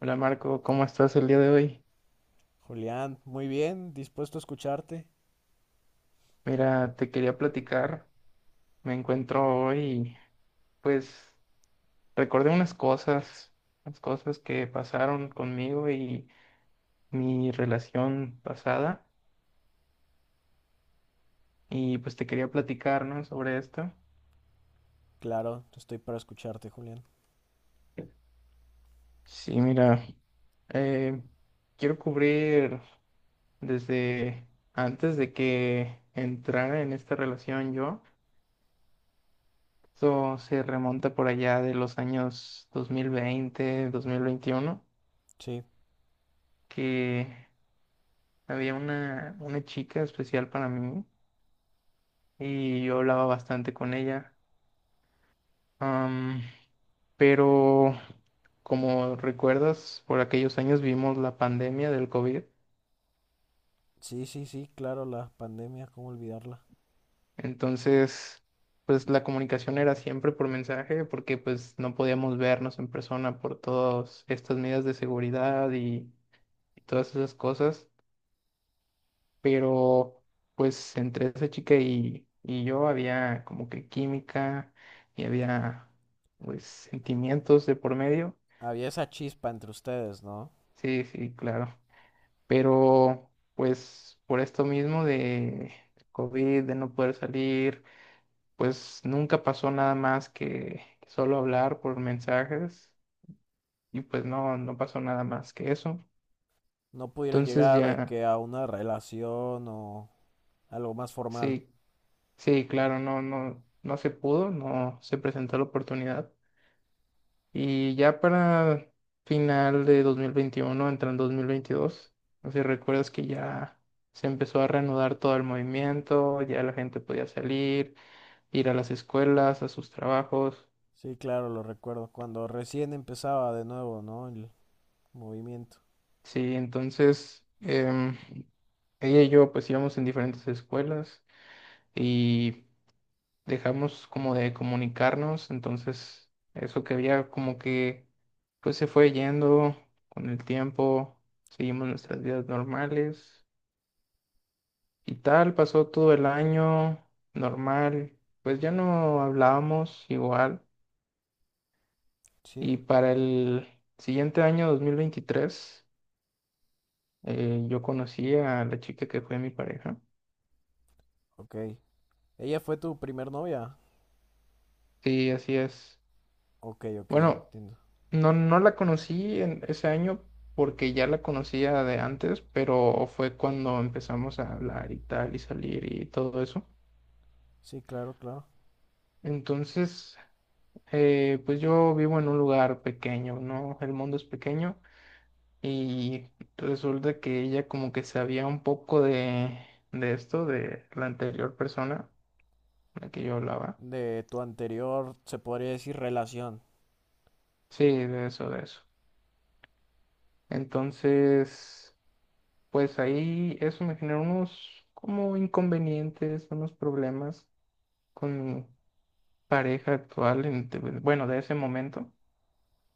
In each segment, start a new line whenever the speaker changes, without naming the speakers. Hola Marco, ¿cómo estás el día de hoy?
Julián, muy bien, dispuesto a escucharte.
Mira, te quería platicar. Me encuentro hoy, pues recordé unas cosas que pasaron conmigo y mi relación pasada. Y pues te quería platicar, ¿no? Sobre esto.
Claro, estoy para escucharte, Julián.
Sí, mira, eh, quiero cubrir desde antes de que entrara en esta relación yo. Esto se remonta por allá de los años 2020, 2021.
Sí,
Que había una chica especial para mí y yo hablaba bastante con ella. Am, pero como recuerdas, por aquellos años vimos la pandemia del COVID,
sí, sí, sí, claro, la pandemia, ¿cómo olvidarla?
entonces pues la comunicación era siempre por mensaje porque pues no podíamos vernos en persona por todas estas medidas de seguridad y todas esas cosas. Pero pues entre esa chica y yo había como que química y había pues sentimientos de por medio.
Había esa chispa entre ustedes, ¿no?
Sí, sí, claro. Pero pues por esto mismo de COVID, de no poder salir, pues nunca pasó nada más que solo hablar por mensajes y pues no, no pasó nada más que eso.
No pudieron
Entonces
llegar de
ya,
que a una relación o algo más formal.
sí, sí, claro, no, no, no se pudo, no se presentó la oportunidad. Y ya para final de 2021, entrando en 2022, no sé si recuerdas que ya se empezó a reanudar todo el movimiento, ya la gente podía salir, ir a las escuelas, a sus trabajos.
Sí, claro, lo recuerdo. Cuando recién empezaba de nuevo, ¿no? El movimiento.
Sí, entonces ella y yo pues íbamos en diferentes escuelas y dejamos como de comunicarnos, entonces eso que había como que pues se fue yendo con el tiempo, seguimos nuestras vidas normales. Y tal, pasó todo el año normal, pues ya no hablábamos igual.
Sí,
Y para el siguiente año, 2023, yo conocí a la chica que fue mi pareja.
ok. ¿Ella fue tu primer novia?
Sí, así es.
Ok, ok,
Bueno,
entiendo.
no, no la conocí en ese año porque ya la conocía de antes, pero fue cuando empezamos a hablar y tal y salir y todo eso.
Sí, claro, claro.
Entonces, pues yo vivo en un lugar pequeño, ¿no? El mundo es pequeño. Y resulta que ella como que sabía un poco de esto, de la anterior persona con la que yo hablaba.
De tu anterior, se podría decir relación.
Sí, de eso, de eso. Entonces, pues ahí eso me generó unos como inconvenientes, unos problemas con mi pareja actual, en- de- bueno, de ese momento.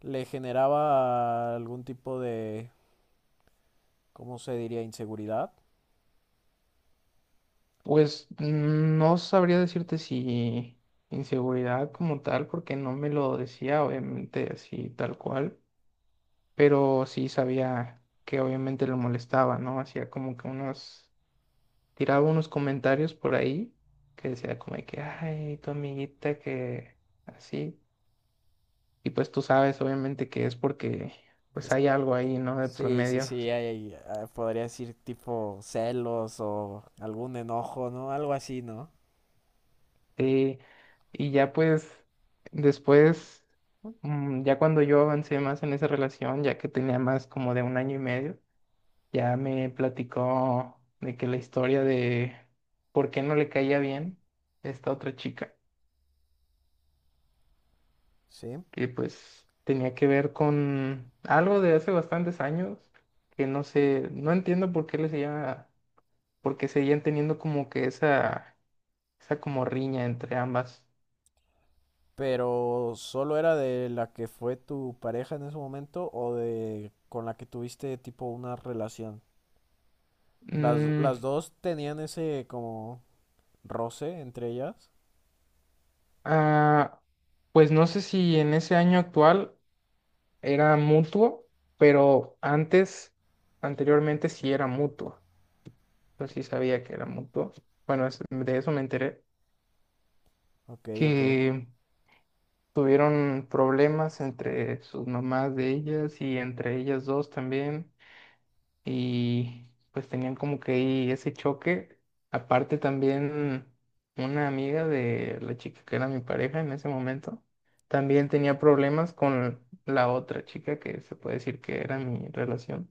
Le generaba algún tipo de, ¿cómo se diría? Inseguridad.
Pues no sabría decirte si inseguridad como tal, porque no me lo decía, obviamente, así tal cual, pero sí sabía que obviamente lo molestaba, ¿no? Hacía como que unos, tiraba unos comentarios por ahí que decía como de que, ay, tu amiguita que así. Y pues tú sabes, obviamente, que es porque pues
Es-
hay algo ahí, ¿no? De
Sí, sí, sí,
promedio.
podría decir tipo celos o algún enojo, ¿no? Algo así, ¿no?
Sí. Y ya pues después, ya cuando yo avancé más en esa relación, ya que tenía más como de un año y medio, ya me platicó de que la historia de por qué no le caía bien esta otra chica,
Sí.
que pues tenía que ver con algo de hace bastantes años, que no sé, no entiendo por qué le seguía, por qué seguían teniendo como que esa como riña entre ambas.
¿Pero solo era de la que fue tu pareja en ese momento o de con la que tuviste tipo una relación?
Mm,
Las dos tenían ese como roce entre ellas.
ah, pues no sé si en ese año actual era mutuo, pero antes, anteriormente sí era mutuo. Pues sí sabía que era mutuo. Bueno, es- de eso me enteré,
Ok, ok.
que tuvieron problemas entre sus mamás de ellas y entre ellas dos también, y pues tenían como que ahí ese choque. Aparte también una amiga de la chica que era mi pareja en ese momento, también tenía problemas con la otra chica que se puede decir que era mi relación.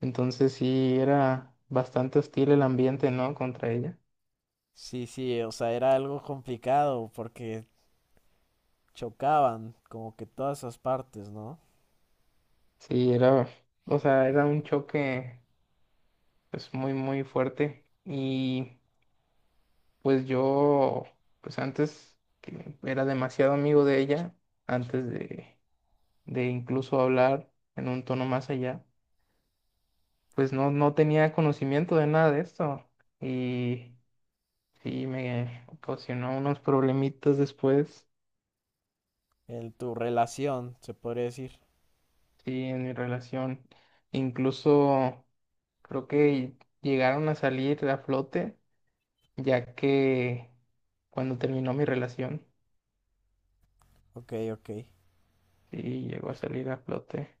Entonces sí era bastante hostil el ambiente, ¿no? Contra ella.
Sí, sí, o sea, era algo complicado porque chocaban como que todas esas partes, ¿no?
Sí, era, o sea, era un choque pues muy muy fuerte y pues yo pues antes que era demasiado amigo de ella, antes de incluso hablar en un tono más allá, pues no tenía conocimiento de nada de esto y sí me ocasionó unos problemitas después,
En tu relación, se podría decir.
sí, en mi relación, incluso creo que llegaron a salir a flote ya que cuando terminó mi relación
Ok, ok.
y llegó a salir a flote.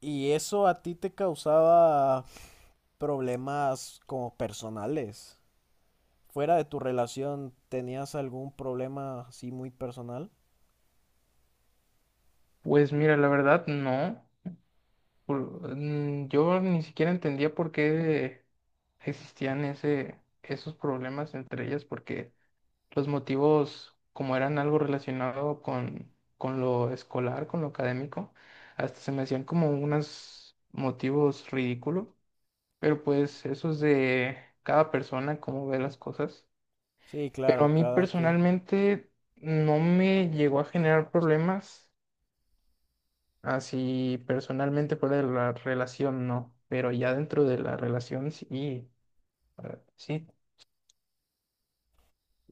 ¿Y eso a ti te causaba problemas como personales? ¿Fuera de tu relación tenías algún problema así muy personal?
Pues mira, la verdad, no. Por- yo ni siquiera entendía por qué existían esos problemas entre ellas, porque los motivos, como eran algo relacionado con lo escolar, con lo académico, hasta se me hacían como unos motivos ridículos, pero pues eso es de cada persona, cómo ve las cosas.
Sí,
Pero a
claro,
mí
cada quien.
personalmente no me llegó a generar problemas, así personalmente fuera de la relación no, pero ya dentro de la relación sí, ah, sí,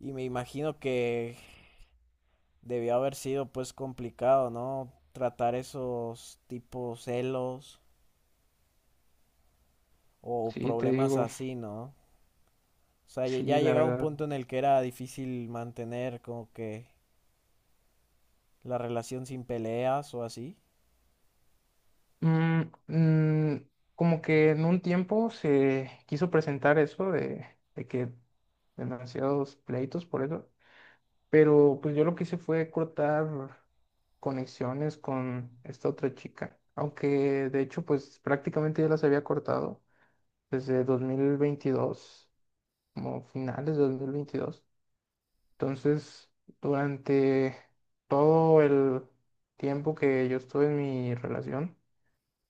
Y me imagino que debió haber sido pues complicado, ¿no? Tratar esos tipos celos o
sí, te
problemas
digo,
así, ¿no? O sea, ya
sí, la
llegaba un
verdad.
punto en el que era difícil mantener como que la relación sin peleas o así.
Mm, mm, como que en un tiempo se quiso presentar eso de que demasiados pleitos por eso. Pero pues yo lo que hice fue cortar conexiones con esta otra chica. Aunque de hecho pues prácticamente ya las había cortado desde 2022, como finales de 2022. Entonces, durante todo el tiempo que yo estuve en mi relación,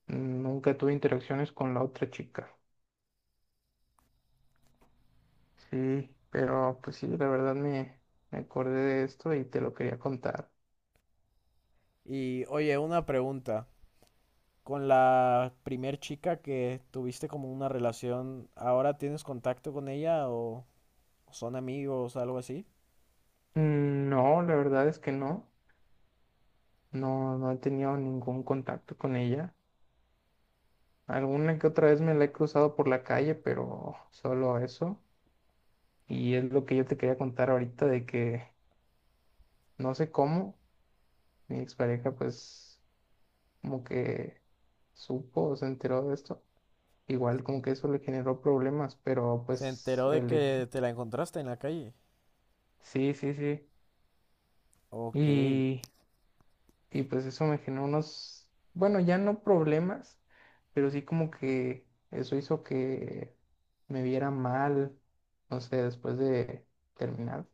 nunca tuve interacciones con la otra chica. Sí, pero pues sí, la verdad me acordé de esto y te lo quería contar.
Y oye, una pregunta. Con la primer chica que tuviste como una relación, ¿ahora tienes contacto con ella o son amigos, algo así?
No, la verdad es que no. No, no he tenido ningún contacto con ella. Alguna que otra vez me la he cruzado por la calle, pero solo eso. Y es lo que yo te quería contar ahorita de que no sé cómo mi expareja pues como que supo o se enteró de esto. Igual como que eso le generó problemas, pero
¿Se
pues
enteró de
el hecho.
que te la encontraste en la calle?
Sí, sí, sí.
Ok.
Y Y pues eso me generó unos, bueno, ya no problemas, pero sí como que eso hizo que me viera mal, no sé, después de terminar.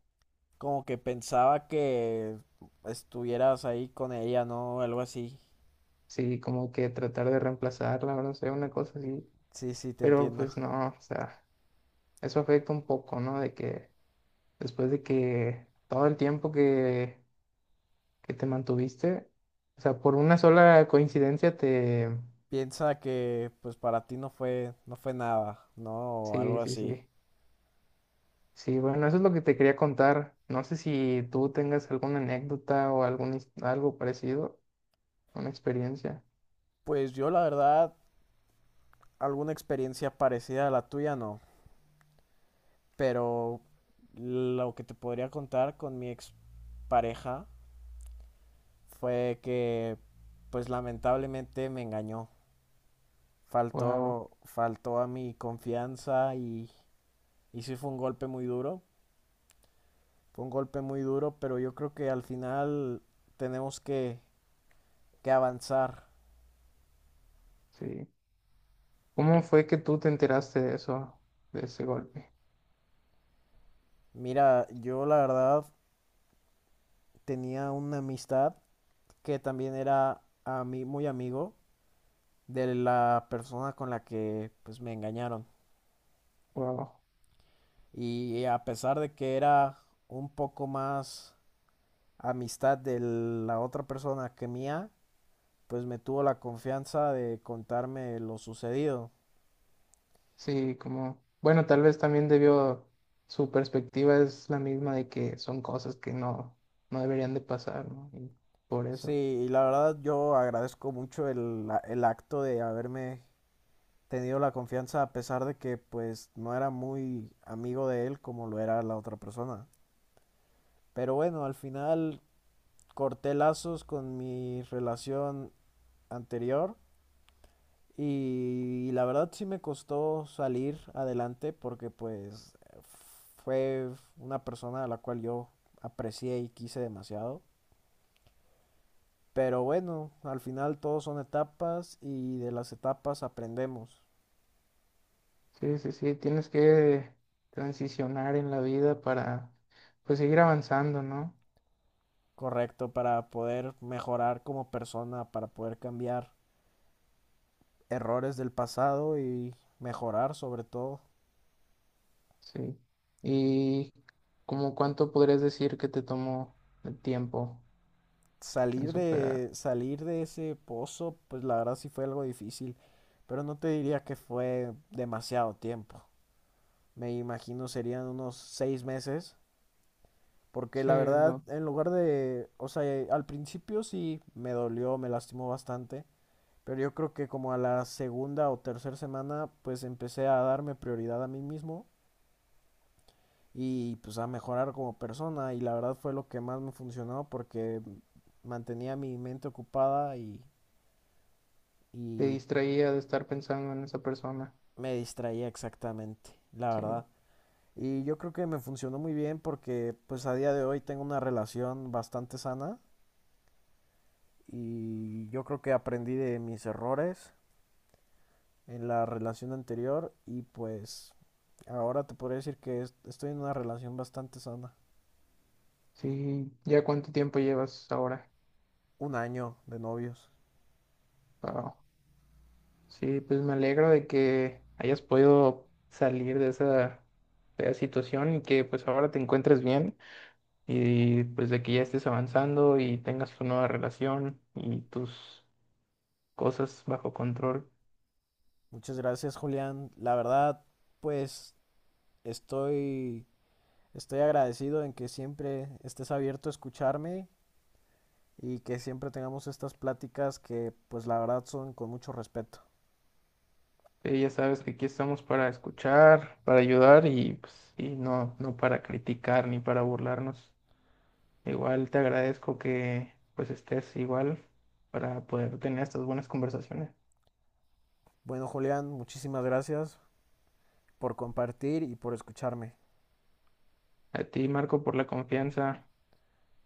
Como que pensaba que estuvieras ahí con ella, ¿no? Algo así.
Sí, como que tratar de reemplazarla, no sé, una cosa así.
Sí, sí, te
Pero
entiendo.
pues no, o sea, eso afecta un poco, ¿no? De que después de que todo el tiempo que te mantuviste, o sea, por una sola coincidencia te...
Piensa que pues para ti no fue nada, ¿no? O
Sí,
algo
sí,
así.
sí. Sí, bueno, eso es lo que te quería contar. No sé si tú tengas alguna anécdota o algún, his- algo parecido, una experiencia.
Pues yo la verdad alguna experiencia parecida a la tuya no, pero lo que te podría contar con mi ex pareja fue que pues lamentablemente me engañó.
Wow,
Faltó a mi confianza y sí fue un golpe muy duro. Fue un golpe muy duro, pero yo creo que al final tenemos que avanzar.
sí. ¿Cómo fue que tú te enteraste de eso, de ese golpe?
Mira, yo la verdad tenía una amistad que también era a mí muy amigo de la persona con la que pues me engañaron.
Wow,
Y a pesar de que era un poco más amistad de la otra persona que mía, pues me tuvo la confianza de contarme lo sucedido.
sí, como, bueno, tal vez también debió, su perspectiva es la misma de que son cosas que no, no deberían de pasar, ¿no? Y por
Sí,
eso.
y la verdad yo agradezco mucho el acto de haberme tenido la confianza a pesar de que pues no era muy amigo de él como lo era la otra persona. Pero bueno, al final corté lazos con mi relación anterior y la verdad sí me costó salir adelante porque pues fue una persona a la cual yo aprecié y quise demasiado. Pero bueno, al final todos son etapas y de las etapas aprendemos,
Sí, sí, sí, tienes que transicionar en la vida para, pues, seguir avanzando, ¿no?
correcto, para poder mejorar como persona, para poder cambiar errores del pasado y mejorar sobre todo.
Sí. ¿Y como cuánto podrías decir que te tomó el tiempo en
salir
superar?
de, salir de ese pozo, pues la verdad sí fue algo difícil, pero no te diría que fue demasiado tiempo. Me imagino serían unos 6 meses, porque
Sí,
la verdad,
lo,
en lugar de, o sea, al principio sí me dolió, me lastimó bastante, pero yo creo que como a la segunda o tercera semana, pues empecé a darme prioridad a mí mismo y pues a mejorar como persona y la verdad fue lo que más me funcionó porque mantenía mi mente ocupada
te
y
distraía de estar pensando en esa persona.
Me distraía exactamente, la
Sí.
verdad. Y yo creo que me funcionó muy bien porque pues a día de hoy tengo una relación bastante sana y yo creo que aprendí de mis errores en la relación anterior y pues ahora te podría decir que estoy en una relación bastante sana.
Sí, ¿ya cuánto tiempo llevas ahora?
Un año de novios.
Wao. Sí, pues me alegro de que hayas podido salir de esa fea situación y que pues ahora te encuentres bien y pues de que ya estés avanzando y tengas tu nueva relación y tus cosas bajo control.
Muchas gracias, Julián. La verdad, pues estoy estoy agradecido en que siempre estés abierto a escucharme y que siempre tengamos estas pláticas que pues la verdad son con mucho respeto.
Sí, ya sabes que aquí estamos para escuchar, para ayudar y, pues, y no, no para criticar ni para burlarnos. Igual te agradezco que pues estés igual para poder tener estas buenas conversaciones.
Bueno Julián, muchísimas gracias por compartir y por escucharme.
A ti, Marco, por la confianza.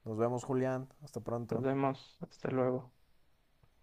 Nos vemos Julián, hasta
Nos
pronto.
vemos. Hasta luego.